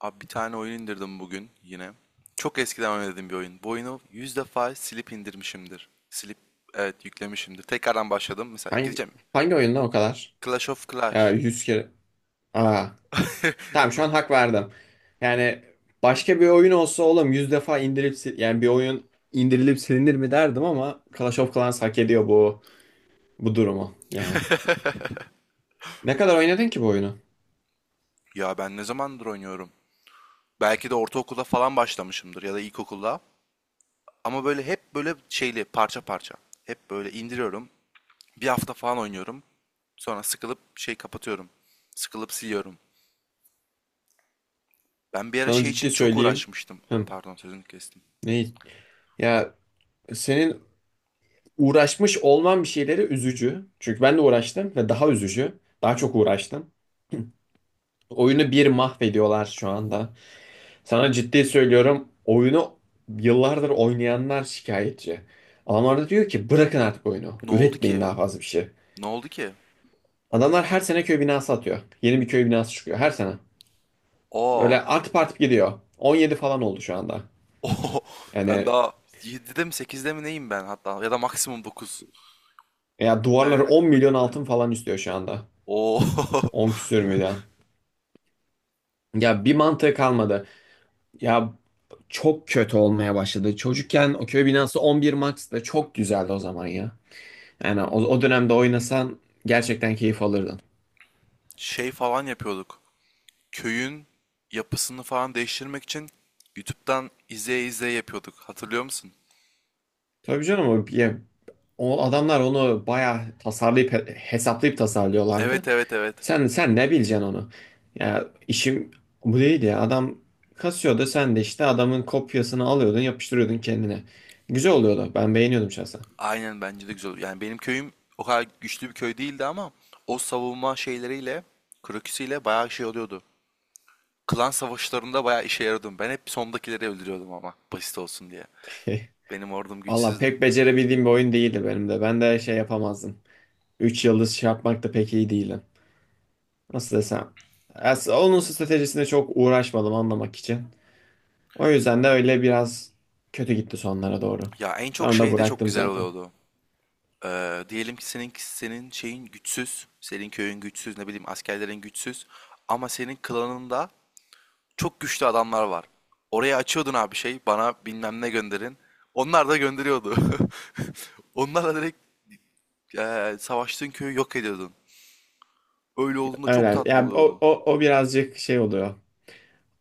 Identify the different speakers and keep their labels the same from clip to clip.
Speaker 1: Abi bir tane oyun indirdim bugün yine. Çok eskiden oynadığım bir oyun. Bu oyunu 100 defa silip indirmişimdir. Silip evet yüklemişimdir. Tekrardan başladım. Mesela
Speaker 2: Hangi,
Speaker 1: gideceğim.
Speaker 2: hangi oyunda o kadar?
Speaker 1: Clash of
Speaker 2: Ya
Speaker 1: Clash.
Speaker 2: 100 kere. Aa, tamam
Speaker 1: Bu-
Speaker 2: şu an hak verdim. Yani başka bir oyun olsa oğlum 100 defa indirip yani bir oyun indirilip silinir mi derdim ama Clash of Clans hak ediyor bu durumu. Yani ne kadar oynadın ki bu oyunu?
Speaker 1: Ya ben ne zamandır oynuyorum? Belki de ortaokulda falan başlamışımdır ya da ilkokulda. Ama böyle hep böyle şeyli parça parça. Hep böyle indiriyorum. Bir hafta falan oynuyorum. Sonra sıkılıp şey kapatıyorum. Sıkılıp siliyorum. Ben bir ara
Speaker 2: Sana
Speaker 1: şey için
Speaker 2: ciddi
Speaker 1: çok
Speaker 2: söyleyeyim.
Speaker 1: uğraşmıştım. Ah,
Speaker 2: Hım,
Speaker 1: pardon sözünü kestim.
Speaker 2: ne? Ya senin uğraşmış olman bir şeyleri üzücü. Çünkü ben de uğraştım ve daha üzücü. Daha çok uğraştım. Oyunu bir mahvediyorlar şu anda. Sana ciddi söylüyorum, oyunu yıllardır oynayanlar şikayetçi. Adamlar da diyor ki bırakın artık oyunu.
Speaker 1: Ne oldu
Speaker 2: Üretmeyin
Speaker 1: ki?
Speaker 2: daha fazla bir şey.
Speaker 1: Ne oldu ki?
Speaker 2: Adamlar her sene köy binası atıyor. Yeni bir köy binası çıkıyor her sene.
Speaker 1: Oo.
Speaker 2: Böyle artıp artıp gidiyor. 17 falan oldu şu anda.
Speaker 1: Oo. Ben
Speaker 2: Yani
Speaker 1: daha 7'de mi 8'de mi neyim ben hatta ya da maksimum 9.
Speaker 2: ya
Speaker 1: Bir tane
Speaker 2: duvarları 10
Speaker 1: rakamı
Speaker 2: milyon altın
Speaker 1: görmedim.
Speaker 2: falan istiyor şu anda.
Speaker 1: Oo.
Speaker 2: 10 küsür milyon. Ya bir mantığı kalmadı. Ya çok kötü olmaya başladı. Çocukken o köy binası 11 Max'ta çok güzeldi o zaman ya. Yani o dönemde oynasan gerçekten keyif alırdın.
Speaker 1: Şey falan yapıyorduk. Köyün yapısını falan değiştirmek için YouTube'dan izleye izleye yapıyorduk. Hatırlıyor musun?
Speaker 2: Tabii canım, o adamlar onu bayağı tasarlayıp hesaplayıp
Speaker 1: Evet
Speaker 2: tasarlıyorlardı.
Speaker 1: evet evet.
Speaker 2: Sen ne bileceksin onu? Ya işim bu değildi ya. Adam kasıyordu, sen de işte adamın kopyasını alıyordun, yapıştırıyordun kendine. Güzel oluyordu. Ben beğeniyordum şahsen.
Speaker 1: Aynen bence de güzel olur. Yani benim köyüm o kadar güçlü bir köy değildi ama o savunma şeyleriyle, kroküsüyle bayağı şey oluyordu. Klan savaşlarında bayağı işe yarıyordum. Ben hep sondakileri öldürüyordum ama basit olsun diye. Benim ordum
Speaker 2: Valla
Speaker 1: güçsüzdü.
Speaker 2: pek becerebildiğim bir oyun değildi benim de. Ben de şey yapamazdım. 3 yıldız şey yapmak da pek iyi değilim. Nasıl desem. Onun stratejisine çok uğraşmadım anlamak için. O yüzden de öyle biraz kötü gitti sonlara doğru.
Speaker 1: Ya en çok
Speaker 2: Sonra da
Speaker 1: şey de çok
Speaker 2: bıraktım
Speaker 1: güzel
Speaker 2: zaten.
Speaker 1: oluyordu. Diyelim ki senin şeyin güçsüz, senin köyün güçsüz, ne bileyim askerlerin güçsüz ama senin klanında çok güçlü adamlar var. Oraya açıyordun abi şey, bana bilmem ne gönderin. Onlar da gönderiyordu. Onlarla direkt savaştığın köyü yok ediyordun. Öyle olduğunda çok
Speaker 2: Öyle.
Speaker 1: tatlı
Speaker 2: Ya o,
Speaker 1: oluyordu.
Speaker 2: o, o birazcık şey oluyor.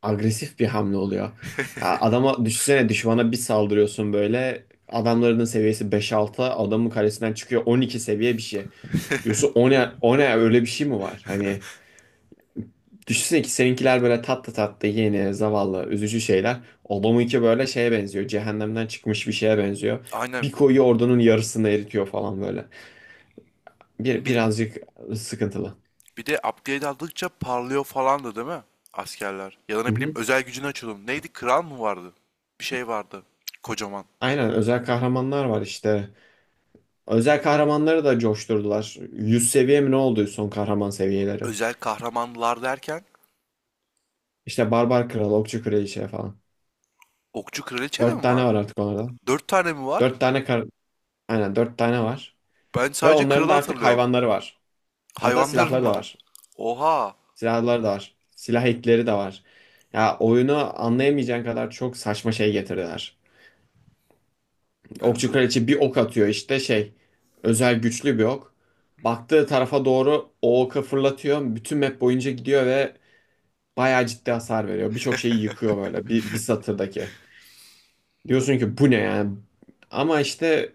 Speaker 2: Agresif bir hamle oluyor. Ya düşünsene, düşmana bir saldırıyorsun böyle. Adamların seviyesi beş altı adamın karesinden çıkıyor 12 seviye bir şey. Diyorsun o ne, o ne, öyle bir şey mi var? Hani düşünsene ki seninkiler böyle tatlı tatlı yeni, zavallı, üzücü şeyler. Adamınki böyle şeye benziyor. Cehennemden çıkmış bir şeye benziyor. Bir
Speaker 1: Aynen.
Speaker 2: koyuyor, ordunun yarısını eritiyor falan böyle.
Speaker 1: Bir
Speaker 2: Birazcık sıkıntılı.
Speaker 1: Bir de upgrade aldıkça parlıyor falandı değil mi? Askerler. Ya da
Speaker 2: Hı
Speaker 1: ne bileyim
Speaker 2: hı.
Speaker 1: özel gücünü açıyordum. Neydi? Kral mı vardı? Bir şey vardı. Kocaman.
Speaker 2: Aynen, özel kahramanlar var işte. Özel kahramanları da coşturdular. 100 seviye mi ne oldu son kahraman seviyeleri?
Speaker 1: Özel kahramanlar derken
Speaker 2: İşte Barbar Kral, Okçu Kraliçe falan.
Speaker 1: okçu kraliçe de
Speaker 2: 4
Speaker 1: mi
Speaker 2: tane
Speaker 1: var?
Speaker 2: var artık onlarda.
Speaker 1: Dört tane mi var?
Speaker 2: 4 tane kar Aynen, dört tane var.
Speaker 1: Ben
Speaker 2: Ve
Speaker 1: sadece
Speaker 2: onların
Speaker 1: kralı
Speaker 2: da artık
Speaker 1: hatırlıyorum.
Speaker 2: hayvanları var. Hatta
Speaker 1: Hayvanlarım
Speaker 2: silahları da
Speaker 1: var.
Speaker 2: var.
Speaker 1: Oha.
Speaker 2: Silahları da var. Silah ekleri de var. Ya oyunu anlayamayacağın kadar çok saçma şey getirdiler.
Speaker 1: Ben
Speaker 2: Okçu
Speaker 1: bu
Speaker 2: kraliçe bir ok atıyor işte şey. Özel güçlü bir ok. Baktığı tarafa doğru o oka fırlatıyor. Bütün map boyunca gidiyor ve bayağı ciddi hasar veriyor. Birçok şeyi yıkıyor böyle bir satırdaki. Diyorsun ki bu ne yani? Ama işte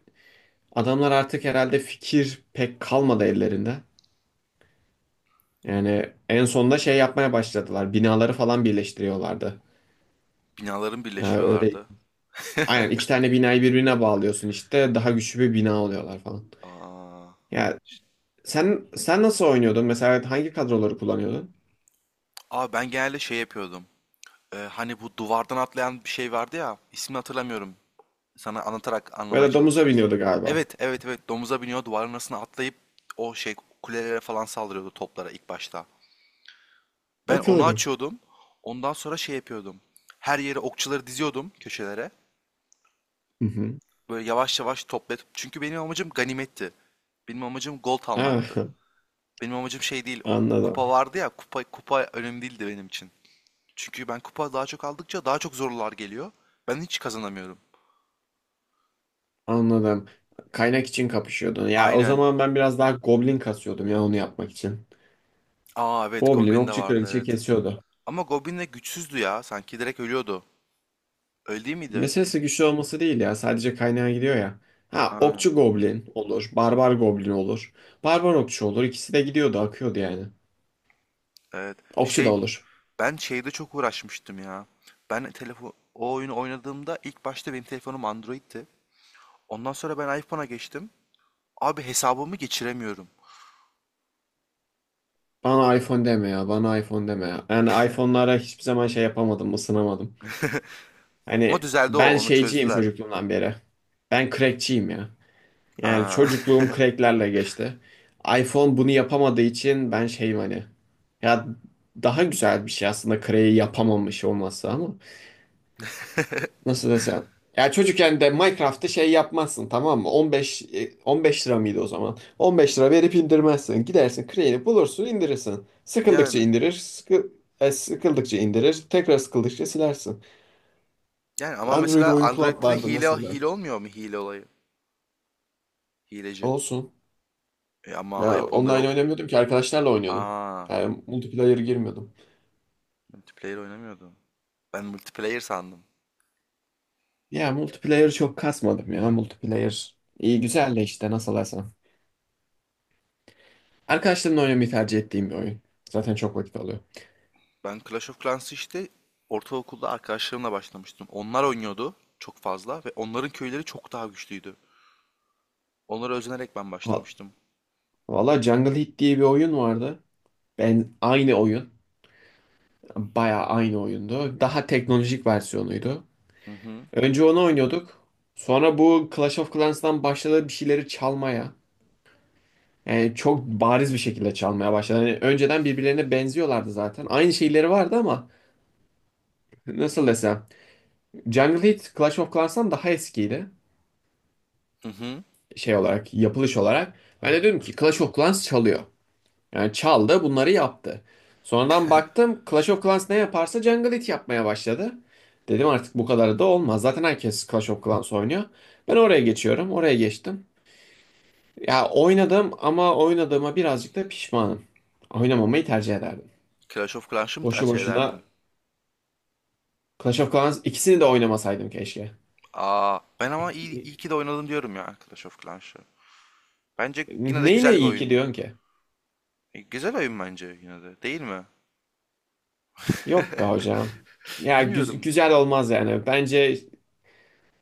Speaker 2: adamlar artık herhalde fikir pek kalmadı ellerinde. Yani en sonunda şey yapmaya başladılar. Binaları falan birleştiriyorlardı.
Speaker 1: binaların
Speaker 2: Yani öyle
Speaker 1: birleşiyorlardı.
Speaker 2: aynen iki tane binayı birbirine bağlıyorsun işte daha güçlü bir bina oluyorlar falan.
Speaker 1: Aa.
Speaker 2: Ya sen nasıl oynuyordun? Mesela hangi kadroları kullanıyordun?
Speaker 1: Aa ben genelde şey yapıyordum. Hani bu duvardan atlayan bir şey vardı ya. İsmini hatırlamıyorum. Sana anlatarak anlamaya
Speaker 2: Ya domuza
Speaker 1: çalışacağız.
Speaker 2: biniyordu galiba.
Speaker 1: Evet, evet, evet. Domuza biniyor, duvarın arasına atlayıp o şey kulelere falan saldırıyordu toplara ilk başta. Ben onu
Speaker 2: Hatırladım.
Speaker 1: açıyordum. Ondan sonra şey yapıyordum. Her yere okçuları diziyordum köşelere.
Speaker 2: Hı hı.
Speaker 1: Böyle yavaş yavaş toplayıp. Çünkü benim amacım ganimetti. Benim amacım gold
Speaker 2: Ah,
Speaker 1: almaktı. Benim amacım şey değil. O kupa
Speaker 2: anladım.
Speaker 1: vardı ya. Kupa kupa önemli değildi benim için. Çünkü ben kupa daha çok aldıkça daha çok zorlular geliyor. Ben hiç kazanamıyorum.
Speaker 2: Anladım. Kaynak için kapışıyordun. Ya o
Speaker 1: Aynen.
Speaker 2: zaman ben biraz daha goblin kasıyordum ya, onu yapmak için.
Speaker 1: Aa evet
Speaker 2: Goblin,
Speaker 1: Goblin de
Speaker 2: okçu,
Speaker 1: vardı
Speaker 2: kraliçe
Speaker 1: evet.
Speaker 2: kesiyordu.
Speaker 1: Ama Goblin de güçsüzdü ya. Sanki direkt ölüyordu. Öyle değil miydi?
Speaker 2: Meselesi güçlü olması değil ya. Sadece kaynağa gidiyor ya. Ha,
Speaker 1: Ha,
Speaker 2: okçu goblin olur. Barbar goblin olur. Barbar okçu olur. İkisi de gidiyordu, akıyordu yani.
Speaker 1: evet.
Speaker 2: Okçu da
Speaker 1: Şey,
Speaker 2: olur.
Speaker 1: ben şeyde çok uğraşmıştım ya. Ben telefon o oyunu oynadığımda ilk başta benim telefonum Android'ti. Ondan sonra ben iPhone'a geçtim. Abi hesabımı geçiremiyorum.
Speaker 2: Bana iPhone deme ya, bana iPhone deme ya. Yani iPhone'lara hiçbir zaman şey yapamadım, ısınamadım.
Speaker 1: Ama
Speaker 2: Hani
Speaker 1: düzeldi o,
Speaker 2: ben
Speaker 1: onu
Speaker 2: şeyciyim
Speaker 1: çözdüler.
Speaker 2: çocukluğumdan beri. Ben crackçiyim ya. Yani
Speaker 1: Aa,
Speaker 2: çocukluğum cracklerle geçti. iPhone bunu yapamadığı için ben şeyim hani. Ya daha güzel bir şey aslında crack'i yapamamış olması ama. Nasıl desem? Ya çocukken de Minecraft'ta şey yapmazsın tamam mı? 15 lira mıydı o zaman? 15 lira verip indirmezsin. Gidersin Crane'i bulursun indirirsin. Sıkıldıkça
Speaker 1: yani.
Speaker 2: indirir, sıkıldıkça indirir, tekrar sıkıldıkça silersin.
Speaker 1: Yani ama
Speaker 2: Android
Speaker 1: mesela
Speaker 2: oyun club
Speaker 1: Android'de de
Speaker 2: vardı
Speaker 1: hile
Speaker 2: mesela.
Speaker 1: hile olmuyor mu hile olayı? Hileci.
Speaker 2: Olsun.
Speaker 1: E ama
Speaker 2: Ya
Speaker 1: iPhone'da
Speaker 2: online
Speaker 1: yok.
Speaker 2: oynamıyordum ki, arkadaşlarla oynuyordum.
Speaker 1: Aa,
Speaker 2: Yani multiplayer girmiyordum.
Speaker 1: multiplayer oynamıyordum. Ben multiplayer sandım.
Speaker 2: Ya multiplayer çok kasmadım ya multiplayer. İyi güzel de işte nasıl desem. Arkadaşlarımla oynamayı tercih ettiğim bir oyun. Zaten çok vakit alıyor.
Speaker 1: Ben Clash of Clans'ı işte ortaokulda arkadaşlarımla başlamıştım. Onlar oynuyordu çok fazla ve onların köyleri çok daha güçlüydü. Onlara özenerek ben başlamıştım.
Speaker 2: Valla Jungle Heat diye bir oyun vardı. Ben aynı oyun. Bayağı aynı oyundu. Daha teknolojik versiyonuydu.
Speaker 1: Hı hı.
Speaker 2: Önce onu oynuyorduk. Sonra bu Clash of Clans'tan başladı bir şeyleri çalmaya. Yani çok bariz bir şekilde çalmaya başladı. Yani önceden birbirlerine benziyorlardı zaten. Aynı şeyleri vardı ama nasıl desem. Jungle Heat Clash of Clans'tan daha eskiydi.
Speaker 1: Hı hı.
Speaker 2: Şey olarak, yapılış olarak. Ben de dedim ki Clash of Clans çalıyor. Yani çaldı, bunları yaptı. Sonradan baktım Clash of Clans ne yaparsa Jungle It yapmaya başladı. Dedim artık bu kadar da olmaz. Zaten herkes Clash of Clans oynuyor. Ben oraya geçiyorum. Oraya geçtim. Ya oynadım ama oynadığıma birazcık da pişmanım. Oynamamayı tercih ederdim.
Speaker 1: Clash of Clans'ı mı
Speaker 2: Boşu
Speaker 1: tercih
Speaker 2: boşuna
Speaker 1: ederdin?
Speaker 2: Clash of Clans, ikisini de oynamasaydım keşke.
Speaker 1: Aa, ben ama iyi, iyi
Speaker 2: İ-
Speaker 1: ki de oynadım diyorum ya Clash of Clans'ı. Bence yine de güzel
Speaker 2: Neyine
Speaker 1: bir
Speaker 2: iyi ki
Speaker 1: oyundu.
Speaker 2: diyorsun ki?
Speaker 1: E, güzel oyun bence yine de, değil mi?
Speaker 2: Yok be hocam. Ya
Speaker 1: Bilmiyorum.
Speaker 2: güzel olmaz yani. Bence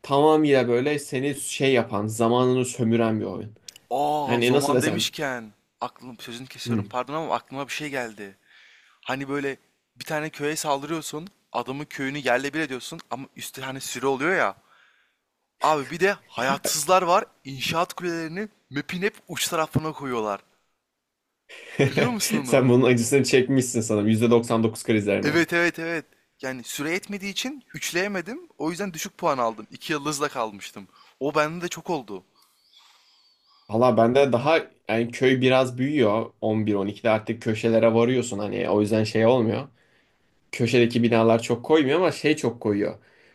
Speaker 2: tamamıyla böyle seni şey yapan, zamanını sömüren bir oyun.
Speaker 1: Aa,
Speaker 2: Hani nasıl
Speaker 1: zaman
Speaker 2: desem?
Speaker 1: demişken aklım sözünü kesiyorum
Speaker 2: Hmm.
Speaker 1: pardon ama aklıma bir şey geldi. Hani böyle bir tane köye saldırıyorsun, adamın köyünü yerle bir ediyorsun ama üstü hani sürü oluyor ya. Abi bir de hayatsızlar var, inşaat kulelerini map'in hep uç tarafına koyuyorlar. Biliyor musun onu?
Speaker 2: Sen bunun acısını çekmişsin sanırım. %99 krizlerine.
Speaker 1: Evet evet evet. Yani süre etmediği için üçleyemedim. O yüzden düşük puan aldım. İki yıldızla kalmıştım. O bende de çok oldu.
Speaker 2: Valla bende daha, yani köy biraz büyüyor. 11-12'de artık köşelere varıyorsun. Hani o yüzden şey olmuyor. Köşedeki binalar çok koymuyor ama şey çok koyuyor.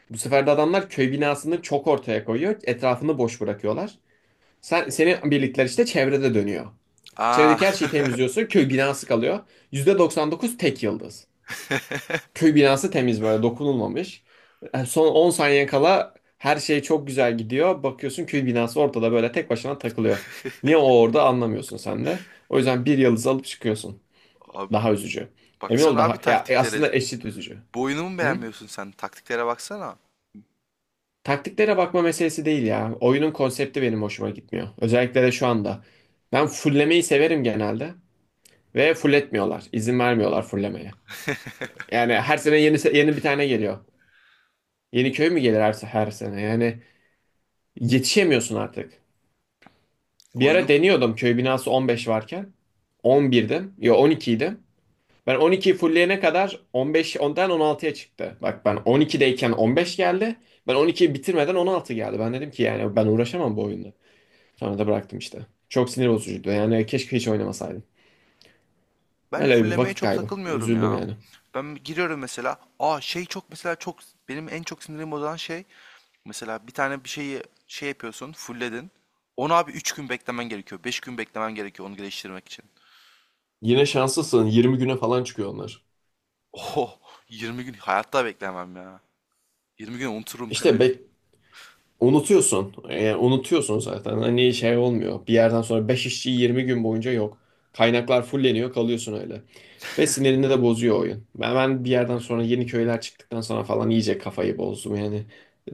Speaker 2: Bu sefer de adamlar köy binasını çok ortaya koyuyor. Etrafını boş bırakıyorlar. Senin birlikler işte çevrede dönüyor.
Speaker 1: Aa.
Speaker 2: Çevredeki her şeyi temizliyorsun. Köy binası kalıyor. %99 tek yıldız. Köy binası temiz, böyle dokunulmamış. Son 10 saniye kala her şey çok güzel gidiyor. Bakıyorsun köy binası ortada böyle tek başına takılıyor. Niye o orada anlamıyorsun sen de. O yüzden bir yıldız alıp çıkıyorsun.
Speaker 1: Abi
Speaker 2: Daha üzücü. Emin ol
Speaker 1: baksana abi
Speaker 2: daha ya
Speaker 1: taktiklere.
Speaker 2: aslında eşit üzücü.
Speaker 1: Bu oyunu mu
Speaker 2: Hı?
Speaker 1: beğenmiyorsun sen? Taktiklere baksana.
Speaker 2: Taktiklere bakma meselesi değil ya. Oyunun konsepti benim hoşuma gitmiyor. Özellikle de şu anda. Ben fullemeyi severim genelde ve fulletmiyorlar. İzin vermiyorlar fullemeye. Yani her sene yeni yeni bir tane geliyor. Yeni köy mü gelir her sene? Yani yetişemiyorsun artık. Bir ara
Speaker 1: Oyunu
Speaker 2: deniyordum köy binası 15 varken. 11'dim. Ya 12'ydim. Ben 12'yi fulleyene kadar 15, ondan 16'ya çıktı. Bak ben 12'deyken 15 geldi. Ben 12'yi bitirmeden 16 geldi. Ben dedim ki yani ben uğraşamam bu oyunda. Sonra da bıraktım işte. Çok sinir bozucuydu. Yani keşke hiç oynamasaydım.
Speaker 1: Ben
Speaker 2: Öyle bir
Speaker 1: fullemeye
Speaker 2: vakit
Speaker 1: çok
Speaker 2: kaybı.
Speaker 1: takılmıyorum
Speaker 2: Üzüldüm
Speaker 1: ya.
Speaker 2: yani.
Speaker 1: Ben giriyorum mesela. Aa şey çok mesela çok benim en çok sinirim bozan şey mesela bir tane bir şeyi şey yapıyorsun, fullledin. Onu abi 3 gün beklemen gerekiyor. 5 gün beklemen gerekiyor onu geliştirmek için.
Speaker 2: Yine şanslısın. 20 güne falan çıkıyor onlar.
Speaker 1: Oho 20 gün hayatta beklemem ya. 20 gün unuturum ben
Speaker 2: İşte
Speaker 1: oyunu.
Speaker 2: unutuyorsun. Unutuyorsun zaten. Hani şey olmuyor. Bir yerden sonra 5 işçi 20 gün boyunca yok. Kaynaklar fulleniyor, kalıyorsun öyle. Ve sinirini de bozuyor oyun. Ben bir yerden sonra yeni köyler çıktıktan sonra falan iyice kafayı bozdum yani.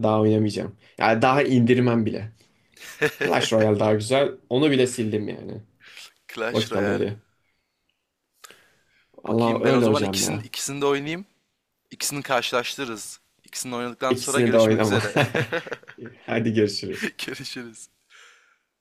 Speaker 2: Daha oynamayacağım. Yani daha indirmem bile. Clash Royale daha güzel. Onu bile sildim yani.
Speaker 1: Clash
Speaker 2: Vakit alıyor
Speaker 1: Royale.
Speaker 2: diye. Allah
Speaker 1: Bakayım ben o
Speaker 2: öyle
Speaker 1: zaman
Speaker 2: hocam
Speaker 1: ikisini
Speaker 2: ya.
Speaker 1: ikisini de oynayayım. İkisini karşılaştırırız. İkisini oynadıktan sonra
Speaker 2: İkisini de
Speaker 1: görüşmek
Speaker 2: oynama.
Speaker 1: üzere.
Speaker 2: Hadi görüşürüz.
Speaker 1: Görüşürüz.